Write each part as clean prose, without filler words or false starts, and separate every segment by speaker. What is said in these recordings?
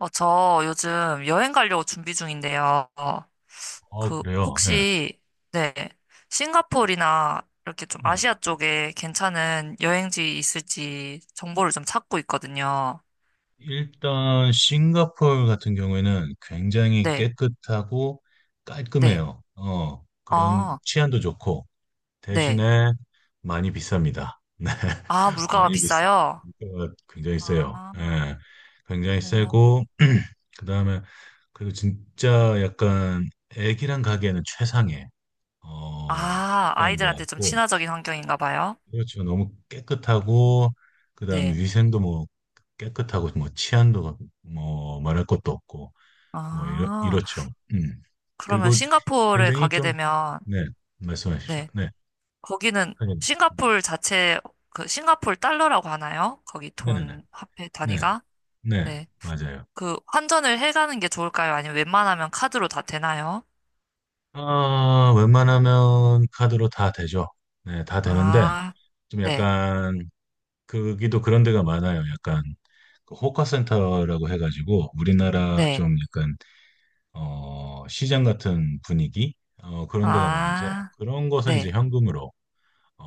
Speaker 1: 어, 저 요즘 여행 가려고 준비 중인데요. 어,
Speaker 2: 어,
Speaker 1: 그,
Speaker 2: 그래요. 예.
Speaker 1: 혹시, 네, 싱가포르나 이렇게 좀
Speaker 2: 예.
Speaker 1: 아시아 쪽에 괜찮은 여행지 있을지 정보를 좀 찾고 있거든요.
Speaker 2: 일단 싱가포르 같은 경우에는 굉장히
Speaker 1: 네,
Speaker 2: 깨끗하고
Speaker 1: 네,
Speaker 2: 깔끔해요. 그런
Speaker 1: 아,
Speaker 2: 치안도 좋고
Speaker 1: 네.
Speaker 2: 대신에 많이 비쌉니다. 네.
Speaker 1: 아, 물가가
Speaker 2: 많이 비싸.
Speaker 1: 비싸요?
Speaker 2: 물가가 굉장히 세요.
Speaker 1: 아,
Speaker 2: 예. 굉장히
Speaker 1: 어.
Speaker 2: 세고 그다음에, 그리고 진짜 약간 애기랑 가기에는 최상의
Speaker 1: 아,
Speaker 2: 국가인 것
Speaker 1: 아이들한테 좀
Speaker 2: 같고.
Speaker 1: 친화적인 환경인가 봐요.
Speaker 2: 그렇죠. 너무 깨끗하고, 그다음에
Speaker 1: 네.
Speaker 2: 위생도 뭐 깨끗하고 뭐 치안도 뭐 말할 것도 없고 뭐 이렇
Speaker 1: 아,
Speaker 2: 이렇죠.
Speaker 1: 그러면
Speaker 2: 그리고
Speaker 1: 싱가포르에
Speaker 2: 굉장히
Speaker 1: 가게
Speaker 2: 좀,
Speaker 1: 되면,
Speaker 2: 네, 말씀하십시오.
Speaker 1: 네.
Speaker 2: 네.
Speaker 1: 거기는
Speaker 2: 선생님.
Speaker 1: 싱가폴 자체 그 싱가폴 달러라고 하나요? 거기
Speaker 2: 네, 네, 네.
Speaker 1: 돈 화폐
Speaker 2: 네.
Speaker 1: 단위가?
Speaker 2: 네.
Speaker 1: 네.
Speaker 2: 맞아요.
Speaker 1: 그 환전을 해가는 게 좋을까요? 아니면 웬만하면 카드로 다 되나요?
Speaker 2: 아, 웬만하면 카드로 다 되죠. 네, 다 되는데
Speaker 1: 아,
Speaker 2: 좀
Speaker 1: 네.
Speaker 2: 약간 거기도 그런 데가 많아요. 약간 그 호카센터라고 해가지고 우리나라
Speaker 1: 네.
Speaker 2: 좀 약간 시장 같은 분위기, 그런 데가 많아서
Speaker 1: 아,
Speaker 2: 그런 것은 이제
Speaker 1: 네.
Speaker 2: 현금으로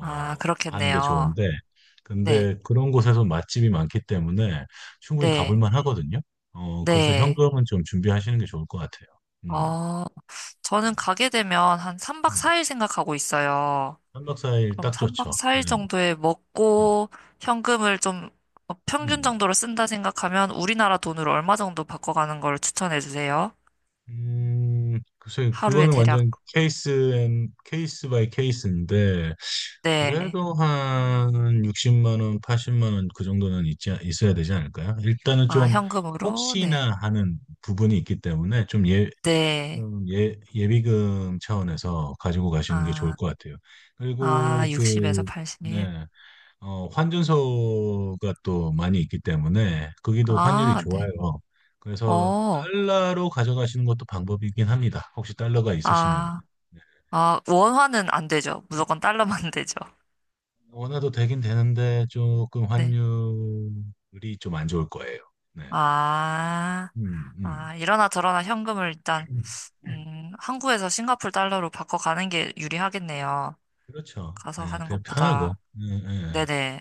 Speaker 1: 아,
Speaker 2: 하는 게
Speaker 1: 그렇겠네요.
Speaker 2: 좋은데
Speaker 1: 네.
Speaker 2: 근데 그런 곳에서 맛집이 많기 때문에 충분히
Speaker 1: 네.
Speaker 2: 가볼 만 하거든요. 그래서
Speaker 1: 네.
Speaker 2: 현금은 좀 준비하시는 게 좋을 것 같아요. 음.
Speaker 1: 어,
Speaker 2: 네.
Speaker 1: 저는 가게 되면 한 3박
Speaker 2: 네.
Speaker 1: 4일 생각하고 있어요.
Speaker 2: 삼 박사일
Speaker 1: 그럼
Speaker 2: 딱
Speaker 1: 3박
Speaker 2: 좋죠. 네.
Speaker 1: 4일 정도에
Speaker 2: 음.
Speaker 1: 먹고 현금을 좀 어, 평균
Speaker 2: 음.
Speaker 1: 정도로 쓴다 생각하면 우리나라 돈으로 얼마 정도 바꿔가는 걸 추천해 주세요.
Speaker 2: 글쎄,
Speaker 1: 하루에
Speaker 2: 그거는
Speaker 1: 대략,
Speaker 2: 완전 케이스 앤 케이스 바이 케이스인데
Speaker 1: 네.
Speaker 2: 그래도 한 60만 원, 80만 원 그 정도는 있지 있어야 되지 않을까요? 일단은
Speaker 1: 아,
Speaker 2: 좀
Speaker 1: 현금으로? 네.
Speaker 2: 혹시나 하는 부분이 있기 때문에 좀, 예,
Speaker 1: 네.
Speaker 2: 예, 예비금 차원에서 가지고 가시는 게 좋을
Speaker 1: 아,
Speaker 2: 것 같아요.
Speaker 1: 아,
Speaker 2: 그리고
Speaker 1: 60에서
Speaker 2: 그,
Speaker 1: 80.
Speaker 2: 네. 환준소가 또 많이 있기 때문에 거기도 환율이
Speaker 1: 아,
Speaker 2: 좋아요.
Speaker 1: 네.
Speaker 2: 그래서
Speaker 1: 어,
Speaker 2: 달러로 가져가시는 것도 방법이긴 합니다. 혹시 달러가 있으시면.
Speaker 1: 아,
Speaker 2: 네.
Speaker 1: 아, 원화는 안 되죠. 무조건 달러만 되죠.
Speaker 2: 원화도 되긴 되는데 조금
Speaker 1: 네.
Speaker 2: 환율이 좀 안 좋을 거예요. 네.
Speaker 1: 아,
Speaker 2: 음, 음.
Speaker 1: 아, 이러나 저러나 현금을 일단,
Speaker 2: 음.
Speaker 1: 한국에서 싱가포르 달러로 바꿔가는 게 유리하겠네요.
Speaker 2: 그렇죠.
Speaker 1: 가서
Speaker 2: 네,
Speaker 1: 하는
Speaker 2: 그냥 편하고.
Speaker 1: 것보다.
Speaker 2: 네, 네, 네.
Speaker 1: 네네.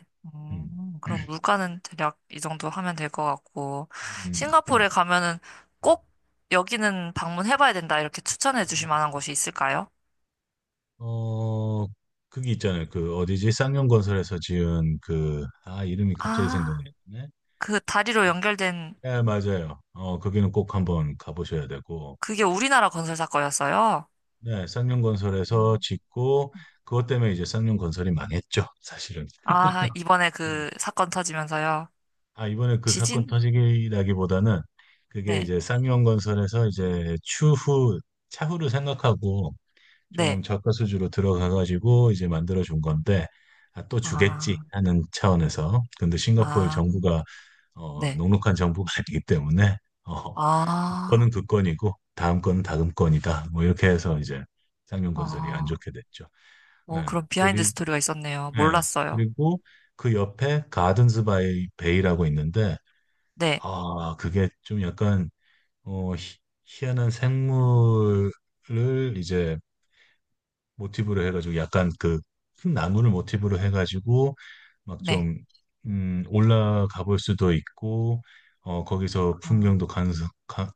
Speaker 2: 음,
Speaker 1: 그럼 물가는 대략 이 정도 하면 될 것 같고,
Speaker 2: 음, 음.
Speaker 1: 싱가포르에 가면은 꼭 여기는 방문해봐야 된다, 이렇게 추천해 주실 만한 곳이 있을까요?
Speaker 2: 어, 그게 있잖아요. 그 어디지? 쌍용건설에서 지은, 이름이 갑자기
Speaker 1: 아,
Speaker 2: 생각나네.
Speaker 1: 그 다리로 연결된,
Speaker 2: 네, 맞아요. 거기는 꼭 한번 가보셔야 되고,
Speaker 1: 그게 우리나라 건설 사건이었어요?
Speaker 2: 네, 쌍용건설에서
Speaker 1: 음.
Speaker 2: 짓고, 그것 때문에 이제 쌍용건설이 망했죠, 사실은.
Speaker 1: 아, 이번에
Speaker 2: 네.
Speaker 1: 그 사건 터지면서요.
Speaker 2: 아, 이번에 그 사건
Speaker 1: 지진?
Speaker 2: 터지기 나기보다는 그게
Speaker 1: 네,
Speaker 2: 이제 쌍용건설에서 이제 차후를 생각하고
Speaker 1: 네.
Speaker 2: 좀 저가 수주로 들어가가지고 이제 만들어 준 건데, 아, 또 주겠지
Speaker 1: 아,
Speaker 2: 하는 차원에서. 근데 싱가포르
Speaker 1: 아,
Speaker 2: 정부가
Speaker 1: 네.
Speaker 2: 녹록한 정부가 아니기 때문에, 어,
Speaker 1: 아,
Speaker 2: 그거는 그 건이고 다음 건은 다음 건이다 뭐 이렇게 해서 이제 상용건설이 안
Speaker 1: 아,
Speaker 2: 좋게 됐죠.
Speaker 1: 어,
Speaker 2: 예,
Speaker 1: 그런 비하인드 스토리가 있었네요.
Speaker 2: 예,
Speaker 1: 몰랐어요.
Speaker 2: 그리고 그 옆에 가든스 바이 베이라고 있는데,
Speaker 1: 네,
Speaker 2: 아, 그게 좀 약간 어, 희, 희한한 생물을 이제 모티브로 해가지고, 약간 그 큰 나무를 모티브로 해가지고 막
Speaker 1: 네.
Speaker 2: 좀, 올라가 볼 수도 있고, 어, 거기서
Speaker 1: 아,
Speaker 2: 풍경도 감상, 가,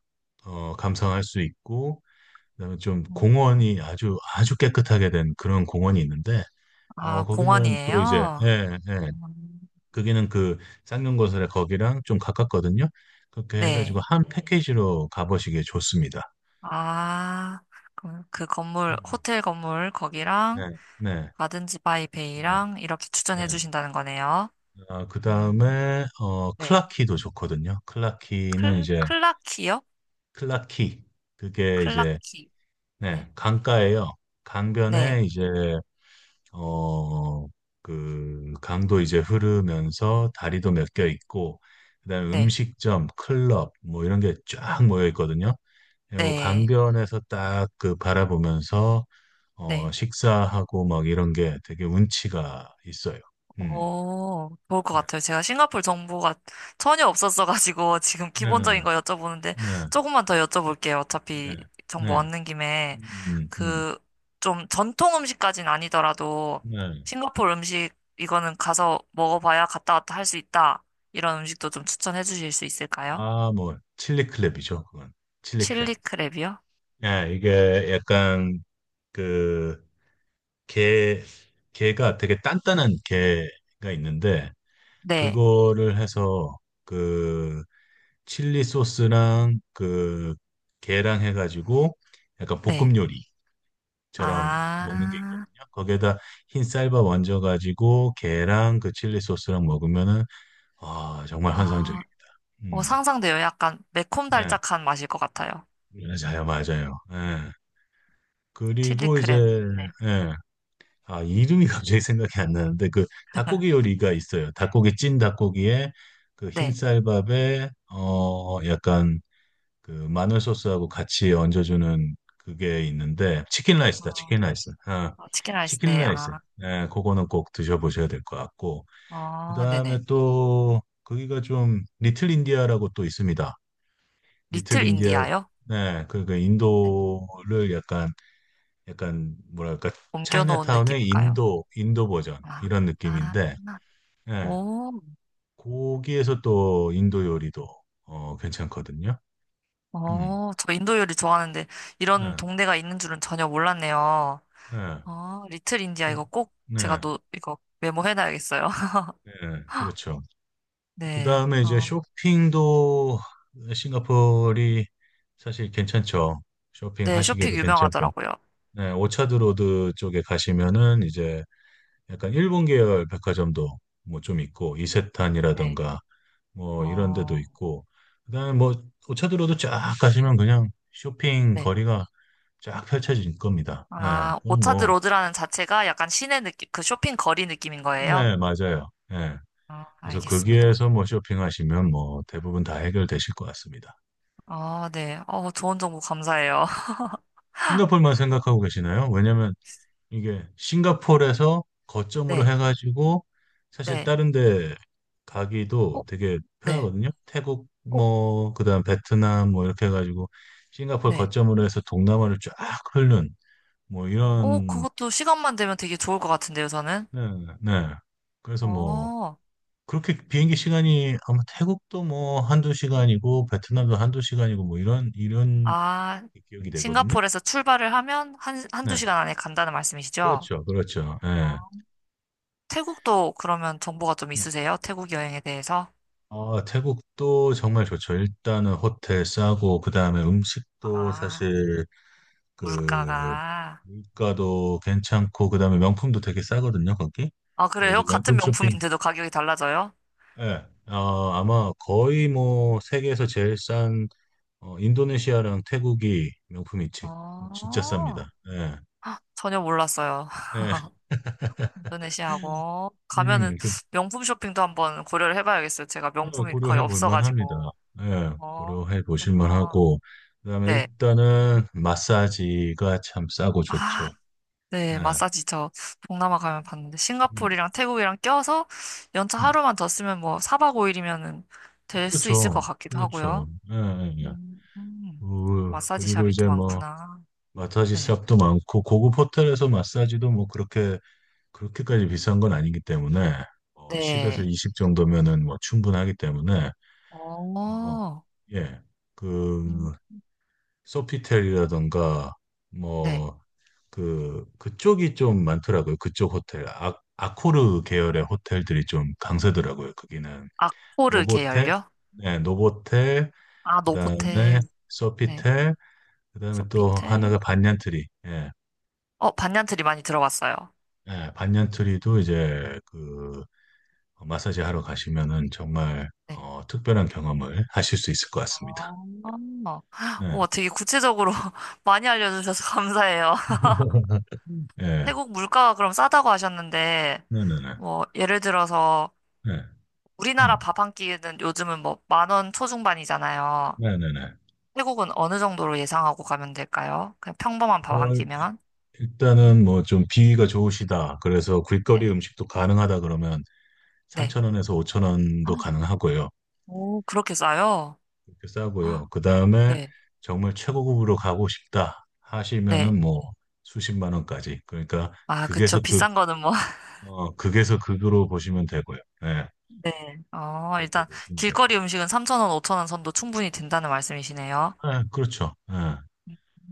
Speaker 2: 어, 감상할 수 있고, 그다음에 좀 공원이 아주 아주 깨끗하게 된 그런 공원이 있는데,
Speaker 1: 아,
Speaker 2: 거기는 또 이제,
Speaker 1: 공원이에요?
Speaker 2: 예, 예,
Speaker 1: 음,
Speaker 2: 거기는 그 쌍용거설의 거기랑 좀 가깝거든요. 그렇게 해가지고
Speaker 1: 네.
Speaker 2: 한, 네. 패키지로 가보시기에 좋습니다.
Speaker 1: 아, 그럼 그 건물,
Speaker 2: 음,
Speaker 1: 호텔 건물, 거기랑,
Speaker 2: 네, 네,
Speaker 1: 가든지 바이
Speaker 2: 네,
Speaker 1: 베이랑, 이렇게
Speaker 2: 네.
Speaker 1: 추천해 주신다는 거네요.
Speaker 2: 아, 그
Speaker 1: 음,
Speaker 2: 다음에
Speaker 1: 네.
Speaker 2: 클라키도 좋거든요. 클라키는 이제,
Speaker 1: 클라키요?
Speaker 2: 클라키, 그게 이제
Speaker 1: 클라키.
Speaker 2: 네
Speaker 1: 네.
Speaker 2: 강가예요.
Speaker 1: 네.
Speaker 2: 강변에 이제, 어 그 강도 이제 흐르면서 다리도 몇 개
Speaker 1: 네.
Speaker 2: 있고 그다음에
Speaker 1: 네.
Speaker 2: 음식점, 클럽 뭐 이런 게 쫙 모여 있거든요. 그리고
Speaker 1: 네.
Speaker 2: 강변에서 딱 그 바라보면서
Speaker 1: 네.
Speaker 2: 식사하고 막 이런 게 되게 운치가 있어요. 음.
Speaker 1: 어, 좋을 것
Speaker 2: 네,
Speaker 1: 같아요. 제가 싱가포르 정보가 전혀 없었어가지고 지금
Speaker 2: 네, 네,
Speaker 1: 기본적인 거 여쭤보는데
Speaker 2: 네,
Speaker 1: 조금만 더 여쭤볼게요.
Speaker 2: 네.
Speaker 1: 어차피 정보
Speaker 2: 네.
Speaker 1: 얻는 김에
Speaker 2: 음, 음,
Speaker 1: 그 좀 전통 음식까지는 아니더라도
Speaker 2: 네.
Speaker 1: 싱가포르 음식 이거는 가서 먹어봐야 갔다 왔다 할 수 있다. 이런 음식도 좀 추천해 주실 수 있을까요?
Speaker 2: 아, 뭐, 칠리 클랩이죠 그건. 칠리 클랩,
Speaker 1: 칠리 크랩이요?
Speaker 2: 예, 이게 약간, 그, 게, 게가 되게 단단한 게가 있는데,
Speaker 1: 네,
Speaker 2: 그거를 해서, 그, 칠리 소스랑, 그, 게랑 해가지고, 약간 볶음
Speaker 1: 네.
Speaker 2: 요리처럼 먹는 게 있거든요.
Speaker 1: 아,
Speaker 2: 거기에다 흰 쌀밥 얹어가지고, 게랑 그 칠리 소스랑 먹으면은, 아, 정말
Speaker 1: 아,
Speaker 2: 환상적입니다.
Speaker 1: 어,
Speaker 2: 음.
Speaker 1: 상상돼요. 약간
Speaker 2: 네.
Speaker 1: 매콤달짝한 맛일 것 같아요.
Speaker 2: 맞아요, 맞아요. 예.
Speaker 1: 칠리
Speaker 2: 그리고 이제,
Speaker 1: 크랩. 네.
Speaker 2: 예. 아, 이름이 갑자기 생각이 안 나는데, 그 닭고기 요리가 있어요. 찐 닭고기에, 그
Speaker 1: 네.
Speaker 2: 흰쌀밥에, 약간 그 마늘 소스하고 같이 얹어주는 그게 있는데, 치킨 라이스다,
Speaker 1: 어,
Speaker 2: 치킨 라이스. 아,
Speaker 1: 어, 치킨 라이스,
Speaker 2: 치킨
Speaker 1: 네,
Speaker 2: 라이스.
Speaker 1: 아,
Speaker 2: 예, 그거는 꼭 드셔보셔야 될 것 같고. 그
Speaker 1: 어,
Speaker 2: 다음에
Speaker 1: 네네.
Speaker 2: 또, 거기가 좀, 리틀 인디아라고 또 있습니다. 리틀
Speaker 1: 리틀
Speaker 2: 인디아,
Speaker 1: 인디아요?
Speaker 2: 네, 그
Speaker 1: 네.
Speaker 2: 인도를 약간 뭐랄까,
Speaker 1: 옮겨놓은
Speaker 2: 차이나타운의
Speaker 1: 느낌일까요?
Speaker 2: 인도 버전
Speaker 1: 아,
Speaker 2: 이런
Speaker 1: 아,
Speaker 2: 느낌인데.
Speaker 1: 아.
Speaker 2: 예.
Speaker 1: 오,
Speaker 2: 거기에서 또 인도 요리도 괜찮거든요. 음.
Speaker 1: 어, 저 인도 요리 좋아하는데
Speaker 2: 네.
Speaker 1: 이런 동네가 있는 줄은 전혀 몰랐네요.
Speaker 2: 네.
Speaker 1: 어, 리틀 인디아
Speaker 2: 그-
Speaker 1: 이거 꼭 제가
Speaker 2: 네.
Speaker 1: 이거 메모해놔야겠어요.
Speaker 2: 네. 그렇죠.
Speaker 1: 네,
Speaker 2: 그다음에 이제
Speaker 1: 어,
Speaker 2: 쇼핑도, 싱가포르이 사실 괜찮죠.
Speaker 1: 네, 쇼핑
Speaker 2: 쇼핑하시기에도 괜찮고.
Speaker 1: 유명하더라고요.
Speaker 2: 네, 오차드 로드 쪽에 가시면은 이제 약간 일본 계열 백화점도 뭐 좀 있고
Speaker 1: 네,
Speaker 2: 이세탄이라던가 뭐 이런 데도
Speaker 1: 어,
Speaker 2: 있고, 그다음에 뭐 오차도로도 쫙 가시면 그냥 쇼핑
Speaker 1: 네.
Speaker 2: 거리가 쫙 펼쳐질 겁니다. 예,
Speaker 1: 아,
Speaker 2: 그
Speaker 1: 오차드
Speaker 2: 뭐,
Speaker 1: 로드라는 자체가 약간 시내 느낌, 그 쇼핑 거리 느낌인 거예요?
Speaker 2: 네, 맞아요. 예.
Speaker 1: 아,
Speaker 2: 그래서
Speaker 1: 알겠습니다.
Speaker 2: 거기에서 뭐 쇼핑하시면 뭐 대부분 다 해결되실 것 같습니다.
Speaker 1: 아, 네. 어, 좋은 정보 감사해요.
Speaker 2: 싱가포르만 생각하고 계시나요? 왜냐면 이게 싱가포르에서 거점으로
Speaker 1: 네,
Speaker 2: 해가지고 사실
Speaker 1: 네.
Speaker 2: 다른 데
Speaker 1: 어,
Speaker 2: 가기도 되게
Speaker 1: 네.
Speaker 2: 편하거든요. 태국
Speaker 1: 어,
Speaker 2: 뭐, 그다음 베트남 뭐 이렇게 해가지고 싱가포르
Speaker 1: 네.
Speaker 2: 거점으로 해서 동남아를 쫙 흐르는 뭐
Speaker 1: 어,
Speaker 2: 이런.
Speaker 1: 그것도 시간만 되면 되게 좋을 것 같은데요, 저는.
Speaker 2: 네, 네. 그래서 뭐
Speaker 1: 어,
Speaker 2: 그렇게 비행기 시간이 아마 태국도 뭐 한두 시간이고 베트남도 한두 시간이고 뭐 이런
Speaker 1: 아,
Speaker 2: 기억이 되거든요.
Speaker 1: 싱가포르에서 출발을 하면 한두
Speaker 2: 네.
Speaker 1: 시간 안에 간다는 말씀이시죠?
Speaker 2: 그렇죠. 그렇죠. 네.
Speaker 1: 태국도 그러면 정보가 좀
Speaker 2: 네.
Speaker 1: 있으세요? 태국 여행에 대해서?
Speaker 2: 아, 태국도 정말 좋죠. 일단은 호텔 싸고 그다음에 음식도
Speaker 1: 아,
Speaker 2: 사실 그,
Speaker 1: 물가가.
Speaker 2: 물가도 괜찮고 그다음에 명품도 되게 싸거든요. 거기.
Speaker 1: 아,
Speaker 2: 또
Speaker 1: 그래요?
Speaker 2: 이제
Speaker 1: 같은
Speaker 2: 명품 쇼핑,
Speaker 1: 명품인데도 가격이 달라져요?
Speaker 2: 예. 아, 아마 거의 뭐 세계에서 제일 싼, 인도네시아랑 태국이 명품이 진짜 쌉니다.
Speaker 1: 어,
Speaker 2: 예.
Speaker 1: 전혀 몰랐어요.
Speaker 2: 예.
Speaker 1: 인도네시아고 가면은
Speaker 2: 음, 그,
Speaker 1: 명품 쇼핑도 한번 고려를 해봐야겠어요. 제가 명품이 거의
Speaker 2: 고려해 볼 만합니다.
Speaker 1: 없어가지고.
Speaker 2: 예.
Speaker 1: 어,
Speaker 2: 고려해 보실
Speaker 1: 그렇구나.
Speaker 2: 만하고 그다음에
Speaker 1: 네.
Speaker 2: 일단은 마사지가 참 싸고
Speaker 1: 아,
Speaker 2: 좋죠.
Speaker 1: 네.
Speaker 2: 예.
Speaker 1: 마사지 저 동남아 가면 봤는데
Speaker 2: 음,
Speaker 1: 싱가포르랑 태국이랑 껴서 연차
Speaker 2: 음.
Speaker 1: 하루만 더 쓰면 뭐 4박 5일이면은 될 수 있을 것
Speaker 2: 그렇죠.
Speaker 1: 같기도
Speaker 2: 그렇죠.
Speaker 1: 하고요.
Speaker 2: 예, 예, 예.
Speaker 1: 음, 음. 마사지
Speaker 2: 그리고
Speaker 1: 샵이 또
Speaker 2: 이제 뭐
Speaker 1: 많구나.
Speaker 2: 마사지
Speaker 1: 네.
Speaker 2: 샵도 많고 고급 호텔에서 마사지도 뭐 그렇게까지 비싼 건 아니기 때문에 10에서
Speaker 1: 네.
Speaker 2: 20 정도면은 뭐 충분하기 때문에, 어,
Speaker 1: 어.
Speaker 2: 예.
Speaker 1: 음,
Speaker 2: 그, 소피텔이라던가,
Speaker 1: 네.
Speaker 2: 뭐, 그쪽이 좀 많더라고요. 그쪽 호텔. 아, 아코르 계열의 호텔들이 좀 강세더라고요. 거기는.
Speaker 1: 아코르
Speaker 2: 노보텔,
Speaker 1: 계열요?
Speaker 2: 네, 노보텔,
Speaker 1: 아,
Speaker 2: 그 다음에
Speaker 1: 노보텔. 네.
Speaker 2: 소피텔, 그 다음에 또
Speaker 1: 소피텔.
Speaker 2: 하나가 반얀트리. 예.
Speaker 1: 어, 반년트리 많이 들어봤어요.
Speaker 2: 예, 반얀트리도 이제 그, 마사지 하러 가시면은 정말,
Speaker 1: 네.
Speaker 2: 특별한 경험을 하실 수 있을 것
Speaker 1: 어,
Speaker 2: 같습니다. 네.
Speaker 1: 우와, 되게 구체적으로 많이 알려주셔서 감사해요.
Speaker 2: 예.
Speaker 1: 태국 물가가 그럼 싸다고 하셨는데,
Speaker 2: 네네네.
Speaker 1: 뭐, 예를 들어서
Speaker 2: 네.
Speaker 1: 우리나라
Speaker 2: 음.
Speaker 1: 밥 한 끼는 요즘은 뭐 10,000원 초중반이잖아요.
Speaker 2: 네네네.
Speaker 1: 태국은 어느 정도로 예상하고 가면 될까요? 그냥 평범한 밥
Speaker 2: 어,
Speaker 1: 한 끼면?
Speaker 2: 일단은 뭐 좀 비위가 좋으시다. 그래서 길거리
Speaker 1: 네.
Speaker 2: 음식도 가능하다 그러면 3
Speaker 1: 네.
Speaker 2: 천원에서5천원
Speaker 1: 헉,
Speaker 2: 도 가능하고요.
Speaker 1: 오, 그렇게 싸요?
Speaker 2: 이렇게 싸고요.
Speaker 1: 헉,
Speaker 2: 그 다음에
Speaker 1: 네.
Speaker 2: 정말 최고급으로 가고 싶다
Speaker 1: 네.
Speaker 2: 하시면은 뭐 수십만 원까지. 그러니까
Speaker 1: 아, 그쵸.
Speaker 2: 극에서 극,
Speaker 1: 비싼 거는 뭐.
Speaker 2: 극에서 극으로 보시면 되고요. 예.
Speaker 1: 네. 어,
Speaker 2: 그렇게
Speaker 1: 일단
Speaker 2: 보시면 될 거예요.
Speaker 1: 길거리 음식은 3,000원, 5,000원 선도 충분히 된다는 말씀이시네요.
Speaker 2: 예, 그렇죠. 예.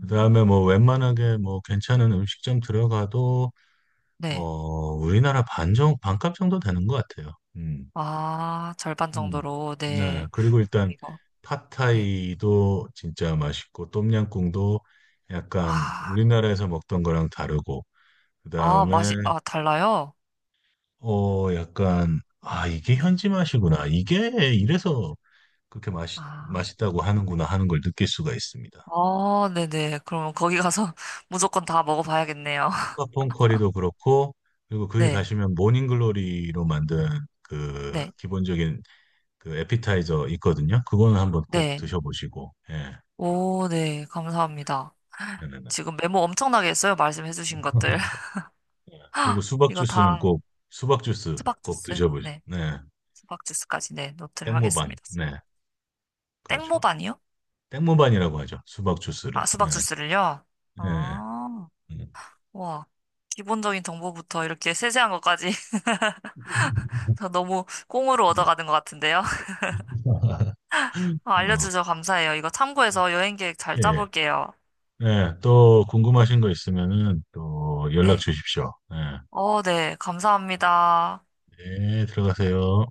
Speaker 2: 그 다음에 뭐 웬만하게 뭐 괜찮은 음식점 들어가도 어,
Speaker 1: 네.
Speaker 2: 우리나라 반값 정도 되는 것 같아요.
Speaker 1: 아, 절반
Speaker 2: 음.
Speaker 1: 정도로.
Speaker 2: 네.
Speaker 1: 네.
Speaker 2: 그리고
Speaker 1: 그럼
Speaker 2: 일단
Speaker 1: 이거. 네.
Speaker 2: 팟타이도 진짜 맛있고 똠양꿍도 약간
Speaker 1: 아,
Speaker 2: 우리나라에서 먹던 거랑 다르고
Speaker 1: 아,
Speaker 2: 그다음에
Speaker 1: 맛이, 아, 달라요?
Speaker 2: 약간, 아, 이게
Speaker 1: 네.
Speaker 2: 현지 맛이구나. 이게 이래서 그렇게 맛이
Speaker 1: 아,
Speaker 2: 맛있다고 하는구나 하는 걸 느낄 수가 있습니다.
Speaker 1: 어, 네네. 그러면 거기 가서 무조건 다 먹어봐야겠네요.
Speaker 2: 팟폰 커리도 그렇고, 그리고 거기
Speaker 1: 네.
Speaker 2: 가시면 모닝글로리로 만든 그
Speaker 1: 네.
Speaker 2: 기본적인 그 에피타이저 있거든요. 그거는 한번 꼭
Speaker 1: 네.
Speaker 2: 드셔보시고, 예.
Speaker 1: 오, 네. 감사합니다.
Speaker 2: 네네네.
Speaker 1: 지금 메모 엄청나게 했어요. 말씀해주신 것들.
Speaker 2: 그리고 수박
Speaker 1: 이거
Speaker 2: 주스는
Speaker 1: 다
Speaker 2: 꼭, 수박 주스
Speaker 1: 수박
Speaker 2: 꼭
Speaker 1: 주스.
Speaker 2: 드셔보시고,
Speaker 1: 네.
Speaker 2: 네.
Speaker 1: 수박 주스까지, 네. 노트를
Speaker 2: 땡모반,
Speaker 1: 하겠습니다.
Speaker 2: 네. 그렇죠.
Speaker 1: 땡모반이요?
Speaker 2: 땡모반이라고 하죠. 수박 주스를.
Speaker 1: 아,
Speaker 2: 네.
Speaker 1: 수박 주스를요?
Speaker 2: 예.
Speaker 1: 아,
Speaker 2: 음.
Speaker 1: 와. 기본적인 정보부터 이렇게 세세한 것까지 다 너무 꽁으로
Speaker 2: 네.
Speaker 1: 얻어가는 것 같은데요. 아,
Speaker 2: 어,
Speaker 1: 알려주셔서 감사해요. 이거 참고해서 여행 계획 잘
Speaker 2: 예, 예.
Speaker 1: 짜볼게요.
Speaker 2: 네, 또 궁금하신 거 있으면은 또 연락
Speaker 1: 네.
Speaker 2: 주십시오. 네,
Speaker 1: 어, 네. 감사합니다.
Speaker 2: 네, 들어가세요.